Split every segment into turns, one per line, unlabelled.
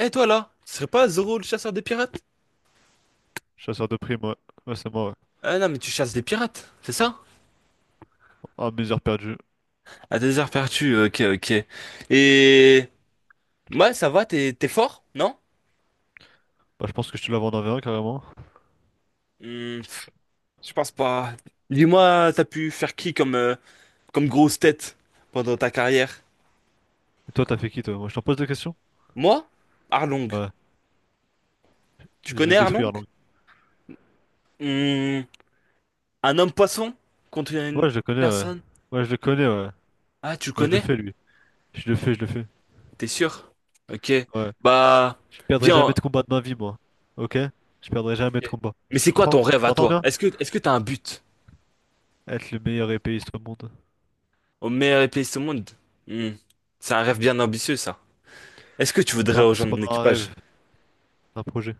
Eh toi là, tu serais pas Zoro le chasseur des pirates?
Chasseur de primes, ouais. Ouais, c'est moi, ouais.
Ah non mais tu chasses des pirates, c'est ça?
Ah, mes heures perdues.
À des heures perdues, ok ok. Et ouais ça va, t'es fort, non?
Bah, je pense que je te la vends en V1 carrément.
Hmm, pff, je pense pas. Dis-moi, t'as pu faire qui comme comme grosse tête pendant ta carrière?
Et toi, t'as fait qui, toi? Moi, je t'en pose des questions?
Moi? Arlong.
Ouais.
Tu
Je le
connais
détruis,
Arlong?
Arlong.
Hmm, un homme poisson contre une
Ouais, je le connais, ouais.
personne?
Ouais, je le connais, ouais.
Ah tu le
Moi, je le
connais?
fais, lui. Je le fais, je le fais.
T'es sûr? Ok.
Ouais.
Bah
Je perdrai
viens.
jamais de combat de ma vie, moi. Ok? Je perdrai jamais de
Ok.
combat.
Mais
Tu
c'est quoi
comprends?
ton rêve à
T'entends
toi?
bien?
Est-ce que t'as un but?
Être le meilleur épéiste au monde.
Au meilleur épéiste au monde? Hmm. C'est un rêve bien ambitieux, ça. Est-ce que tu
C'est
voudrais
pas, c'est
rejoindre
pas
mon
un
équipage?
rêve, c'est un projet.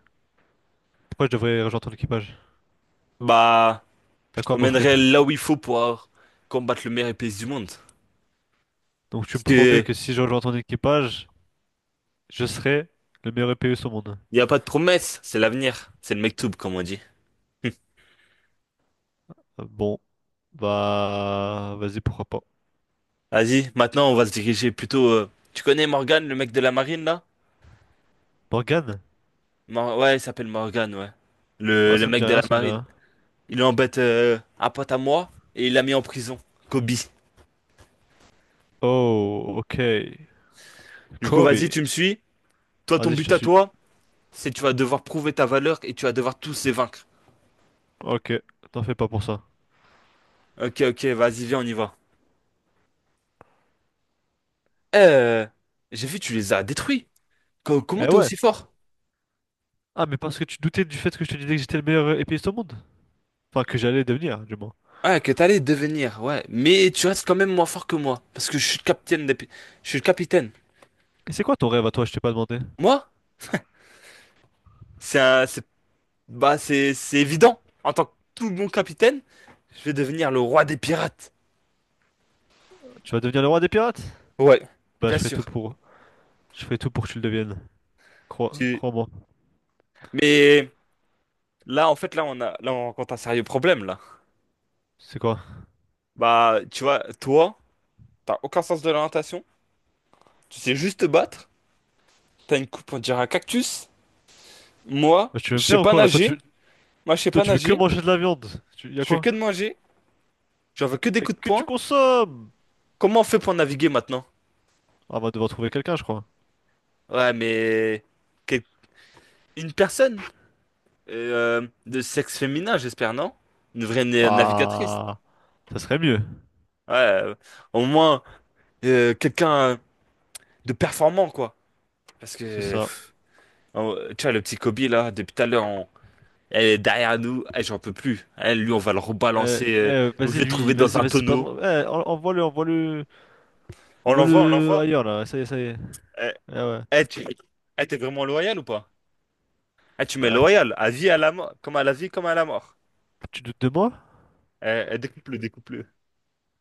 Pourquoi je devrais rejoindre ton équipage?
Bah, je
T'as quoi à
t'emmènerai
m'offrir?
là où il faut pour combattre le meilleur épéiste du monde.
Donc, tu
Parce
me promets que
que
si je rejoins ton équipage, je serai le meilleur épéiste au monde.
il n'y a pas de promesse, c'est l'avenir. C'est le mektoub, comme on dit. Hmm.
Bon, bah, vas-y, pourquoi pas.
Vas-y, maintenant on va se diriger plutôt. Tu connais Morgan, le mec de la marine là?
Morgane?
Ouais, il s'appelle Morgan, ouais.
Ah,
Le
ça me dit
mec de
rien,
la
ça me dit
marine.
rien.
Il embête un pote à moi et il l'a mis en prison. Kobe.
Oh, ok.
Du coup, vas-y,
Kobe.
tu me suis. Toi, ton
Vas-y, je
but
te
à
suis.
toi, c'est tu vas devoir prouver ta valeur et tu vas devoir tous les vaincre.
Ok, t'en fais pas pour ça.
Ok, ok, vas-y, viens, on y va. Euh, j'ai vu, tu les as détruits. Comment
Eh
t'es
ouais.
aussi fort?
Ah, mais parce que tu doutais du fait que je te disais que j'étais le meilleur épéiste au monde. Enfin, que j'allais devenir, du moins.
Ah, que t'allais devenir, ouais. Mais tu restes quand même moins fort que moi. Parce que je suis le capitaine des... Je suis le capitaine.
Et c'est quoi ton rêve à toi, je t'ai pas demandé?
Moi? C'est un... c'est- Bah, c'est... C'est évident. En tant que tout bon capitaine, je vais devenir le roi des pirates.
Tu vas devenir le roi des pirates?
Ouais,
Bah, je
bien
ferai tout
sûr.
pour. Je ferai tout pour que tu le deviennes. Crois,
Tu-
crois-moi.
Mais là, en fait, là, on a... Là, on rencontre un sérieux problème, là.
C'est quoi?
Bah, tu vois, toi, t'as aucun sens de l'orientation. Tu sais juste te battre. T'as une coupe, on dirait un cactus. Moi,
Bah, tu veux
je
me
sais
faire ou
pas
quoi, là? Toi, tu,
nager. Moi, je sais
toi,
pas
tu veux que
nager.
manger de la viande. Y a
Je fais
quoi?
que de manger. J'en veux que des
Et
coups de
que tu
poing.
consommes!
Comment on fait pour naviguer maintenant?
Ah, on va devoir trouver quelqu'un, je crois.
Ouais, mais... quel- Une personne de sexe féminin, j'espère, non? Une vraie navigatrice.
Ah, ça serait mieux.
Ouais, au moins quelqu'un de performant, quoi. Parce
C'est
que...
ça.
Tu vois, le petit Kobe, là, depuis tout à l'heure, elle est derrière nous. Eh, j'en peux plus. Eh, lui, on va le rebalancer. Je vais
Vas-y,
le
lui,
trouver dans
vas-y,
un
vas-y,
tonneau.
pardon. Eh, envoie-le, envoie-le,
On l'envoie, on
envoie-le
l'envoie.
ailleurs, là. Ça y est.
Eh,
Ah ouais.
eh, tu... eh, t'es vraiment loyal ou pas? Eh, tu mets
Bah,
loyal, à vie, à la mort, comme à la vie, comme à la mort.
tu doutes de moi?
Eh, eh, découpe-le, découpe-le.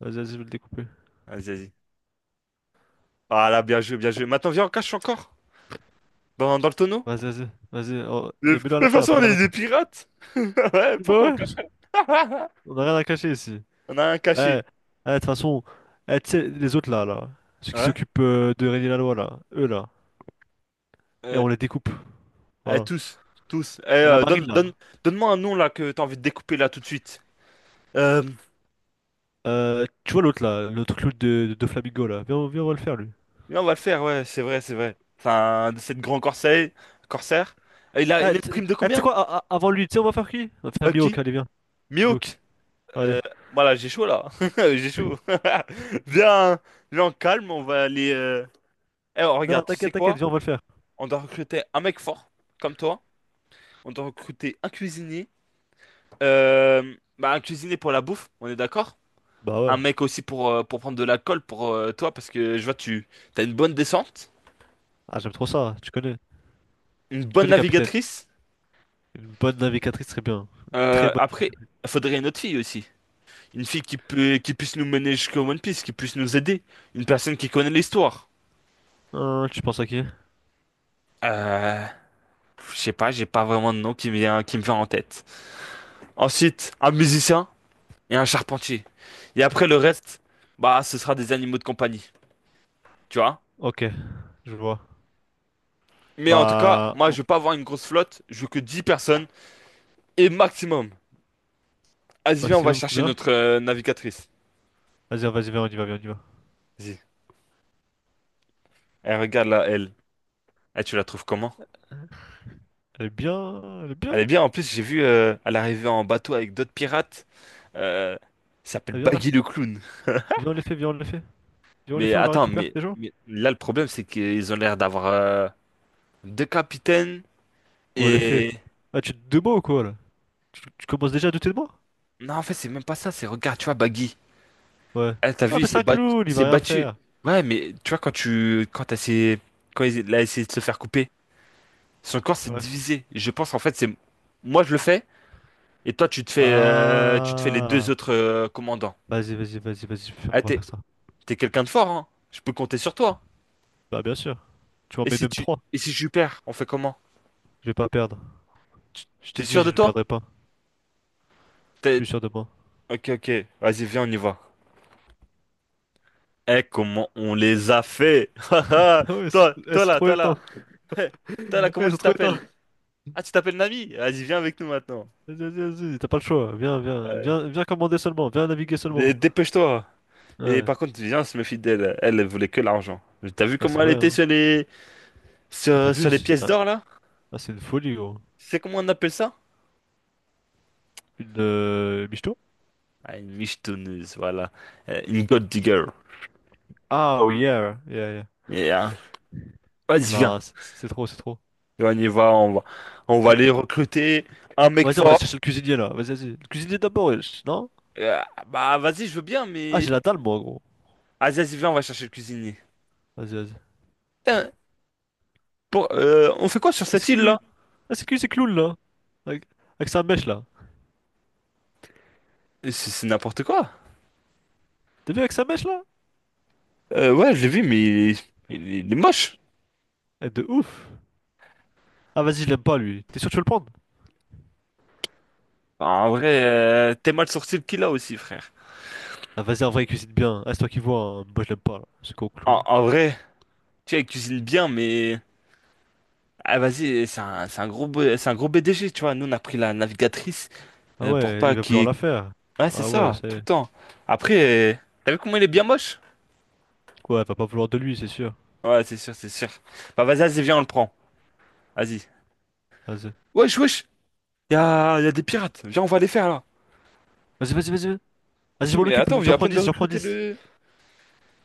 Vas-y, vas-y, je vais le découper.
Vas-y, vas-y. Ah là, bien joué, bien joué. Maintenant, viens, on cache encore dans le tonneau.
Vas-y, vas-y, vas-y. Oh,
De
et mets-le à la
toute
mer,
façon,
mets-le
on
à
est
la
des
mer.
pirates. Ouais,
Bah
pourquoi on
ouais,
cache?
on a rien à cacher ici.
On a un
Eh,
caché.
eh, de toute façon, eh, tu sais, les autres là, là, ceux qui
Ouais.
s'occupent de régner la loi, là, eux là, et
Eh,
on les découpe.
eh,
Voilà.
tous, tous. Eh,
Et la
donne,
marine là.
donne, donne-moi un nom là que t'as envie de découper là tout de suite. Euh,
Tu vois l'autre là, le truc de Flamingo là. Viens, viens, on va le faire, lui.
Viens, on va le faire, ouais, c'est vrai, c'est vrai. Enfin, de cette grand corsaire. Eh, Il a, il
Ah,
a une
tu
prime de
ah, tu sais
combien?
quoi, avant de lui, tu sais, on va faire qui? On va faire
Bah,
Mihawk,
qui?
allez, viens. Mihawk,
Miouk!
allez.
Euh, voilà, j'ai chaud là. J'ai chaud. Viens, viens en calme, on va aller. Eh, oh,
Non,
regarde, tu sais
t'inquiète, t'inquiète,
quoi?
viens, on va le faire.
On doit recruter un mec fort, comme toi. On doit recruter un cuisinier. Bah, un cuisinier pour la bouffe, on est d'accord?
Bah ouais.
Un mec aussi pour prendre de la colle pour toi, parce que je vois, tu as une bonne descente,
Ah, j'aime trop ça, tu connais.
une
Tu
bonne
connais, capitaine.
navigatrice.
Une bonne navigatrice, très bien. Très bonne.
Après, il faudrait une autre fille aussi. Une fille qui peut, qui puisse nous mener jusqu'au One Piece, qui puisse nous aider. Une personne qui connaît l'histoire.
Hein, tu penses à qui?
Euh, je sais pas, j'ai pas vraiment de nom qui me vient en tête. Ensuite, un musicien et un charpentier. Et après le reste, bah ce sera des animaux de compagnie, tu vois.
Ok, je vois.
Mais en tout cas,
Bah,
moi je veux pas avoir une grosse flotte, je veux que 10 personnes et maximum. Vas-y, viens, on va
maximum
chercher
combien?
notre navigatrice.
Vas-y, hein, vas-y, viens, on y va, viens, on y va.
Vas-y. Elle regarde là, elle. Eh, tu la trouves comment?
Elle est bien, elle est
Elle
bien.
est bien, en plus j'ai vu, elle arrivait en bateau avec d'autres pirates. Euh, il s'appelle
Elle vient là.
Baggy le clown.
Viens, on les fait, viens, on les fait. Viens, on les
Mais
fait, on la
attends,
récupère,
mais,
déjà.
mais là le problème c'est qu'ils ont l'air d'avoir deux capitaines
On les fait.
et...
Ah, tu te de moi ou quoi, là? Tu commences déjà à douter de moi?
Non, en fait, c'est même pas ça. C'est, regarde, tu vois, Baggy.
Ouais.
Eh, t'as
Ah,
vu, il
mais c'est
s'est
un
battu.
clown,
Il
il
s'est
va rien
battu.
faire.
Ouais, mais tu vois, quand tu... Quand t'as essayé... Quand il a essayé de se faire couper, son corps s'est divisé. Je pense, en fait, c'est... Moi, je le fais. Et toi, tu te fais les deux
Ah.
autres commandants.
Vas-y, vas-y, vas-y, vas-y, on
Ah,
va
t'es...
faire ça.
T'es quelqu'un de fort, hein. Je peux compter sur toi.
Bah, bien sûr. Tu m'en
Et
mets
si
même
tu...
3.
Et si je perds, on fait comment?
Je vais pas perdre.
Tu-
Je
T'es
t'ai dit,
sûr de
je ne
toi?
perdrai pas. Je
T'es-
suis sûr de moi.
Ok, ok. Vas-y, viens, on y va. Eh, comment on les a fait!
Ah ouais,
Toi,
elles
toi
sont
là,
trop
toi là.
éteintes.
Toi là, comment
Elles sont
tu
trop éteintes.
t'appelles? Ah, tu t'appelles Nami? Vas-y, viens avec nous maintenant.
Vas-y, vas-y, vas-y, t'as pas le choix. Viens, viens,
Euh,
viens, viens commander seulement. Viens naviguer
dé-
seulement.
dépêche-toi. Mais
Ouais,
par contre, viens, se méfie d'elle. Elle, elle voulait que l'argent. T'as vu
ouais,
comment
c'est
elle
vrai,
était
hein. Ah, t'as vu?
sur les
C'est
pièces
ah,
d'or là?
ah, c'est une folie, gros.
C'est comment on appelle ça?
Une michto?
Ah, une michetonneuse, voilà. Une gold digger.
Ah, oui, yeah, yeah, yeah.
Et, hein, vas-y, viens.
Non, c'est trop, c'est trop.
Et on y va, on va
Mais-
aller recruter un mec
Vas-y, on va
fort.
chercher le cuisinier là. Vas-y, vas-y. Le cuisinier d'abord, wesh, non?
Euh, Bah, vas-y, je veux bien,
Ah,
mais.
j'ai la dalle, moi, gros.
Vas-y, vas-y, viens, on va chercher le cuisinier.
Vas-y, vas-y.
Putain, on fait quoi sur
Est-ce
cette
que
île là?
lui. Est-ce que lui, c'est clown là? Avec, avec sa mèche là.
C'est n'importe quoi.
T'as vu avec sa mèche là?
Ouais, je l'ai vu, mais il est moche.
Eh, de ouf! Ah vas-y, je l'aime pas lui. T'es sûr que tu veux le prendre?
En vrai, t'es mal sorti le qu'il a aussi, frère.
Ah vas-y, en vrai, il cuisine bien. Ah, c'est toi qui vois, hein. Moi je l'aime pas là. Ce con
En,
clown.
en vrai, tu vois, il cuisine bien, mais... Ah, vas-y, c'est un gros BDG tu vois. Nous, on a pris la navigatrice.
Ah
Pour
ouais, il
pas
va
qu'il... y
vouloir
ait-
la faire.
Ouais, c'est
Ah ouais,
ça, tout
c'est.
le temps. Après, t'as vu comment il est bien moche?
Ouais, elle va pas vouloir de lui, c'est sûr.
Ouais, c'est sûr, c'est sûr. Bah, vas-y, vas-y, viens, on le prend. Vas-y.
Vas-y.
Wesh, wesh, y a des pirates. Viens, on va les faire, là.
Vas-y, vas-y, vas-y. Vas-y, je
Si,
m'en
mais
occupe.
attends, on
J'en
vient à
prends
peine de
10, j'en prends
recruter
dix.
le...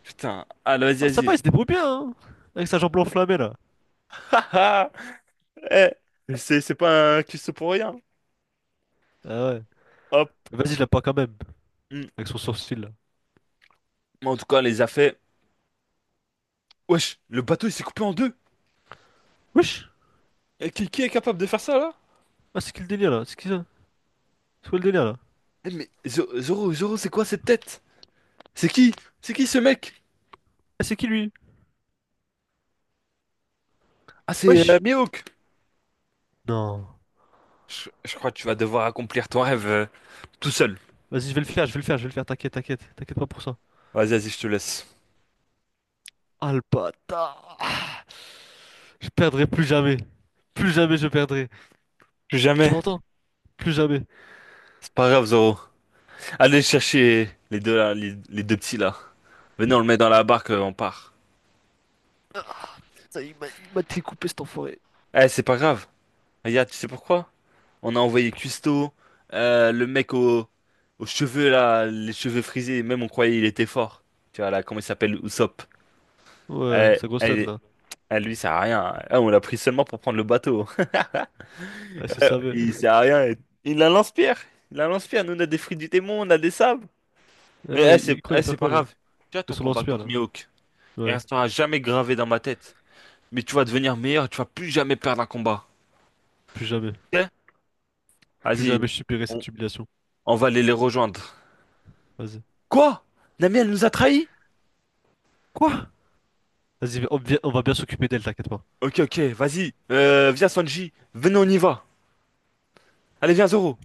Putain, allez,
Ah ça va,
vas-y,
il se débrouille bien, hein. Avec sa jambe enflammée là.
vas-y. Eh, c'est pas un cuistot pour rien.
Ah ouais.
Hop.
Mais vas-y, je l'aime pas quand même.
Hmm.
Avec son sourcil là.
Mais en tout cas, on les a fait. Wesh, le bateau il s'est coupé en deux.
Wesh!
Eh, qui est capable de faire ça là?
Ah c'est qui le délire là? C'est qui ça? C'est quoi le délire là?
Eh, mais Zoro, Zoro, c'est quoi cette tête? C'est qui? C'est qui ce mec?
Ah c'est qui lui?
Ah, c'est
Wesh!
Mihawk.
Non.
Je crois que tu vas devoir accomplir ton rêve tout seul.
Vas-y, je vais le faire, je vais le faire, je vais le faire, t'inquiète, t'inquiète, t'inquiète pas pour ça.
Vas-y, vas-y, je te laisse.
Ah le bâtard! Je perdrai plus jamais. Plus jamais je perdrai.
Plus
Tu
jamais.
m'entends? Plus jamais.
C'est pas grave, Zoro. Allez chercher les deux là, les deux petits là. Venez, on le met dans la barque, on part.
Ah, ça, il m'a découpé cet enfoiré.
Eh, c'est pas grave. Regarde, tu sais pourquoi? On a envoyé Custo, le mec aux cheveux là, les cheveux frisés, même on croyait il était fort. Tu vois là, comment il s'appelle, Usopp.
Ouais,
Euh,
sa grosse tête
elle-
là.
elle, lui, sert à rien. Ah, on l'a pris seulement pour prendre le bateau.
Ah, c'est savait.
Il sert à rien. Il a un lance-pierre. Il a un lance-pierre. Nous, on a des fruits du démon, on a des sables.
Ah
Mais
ouais, il croit il va
c'est
faire
pas
quoi là?
grave. Tu vois, ton
Avec son
combat
lance-pierre
contre
là.
Mihawk, il
Ouais,
restera jamais gravé dans ma tête. Mais tu vas devenir meilleur, tu vas plus jamais perdre un combat.
plus jamais.
Ok.
Plus
Vas-y,
jamais je subirai
on,
cette humiliation.
on va aller les rejoindre.
Vas-y.
Quoi? Nami, elle nous a trahis?
Quoi? Vas-y, on va bien s'occuper d'elle, t'inquiète pas.
Ok, ok, vas-y. Viens Sanji. Venez, on y va. Allez, viens Zoro.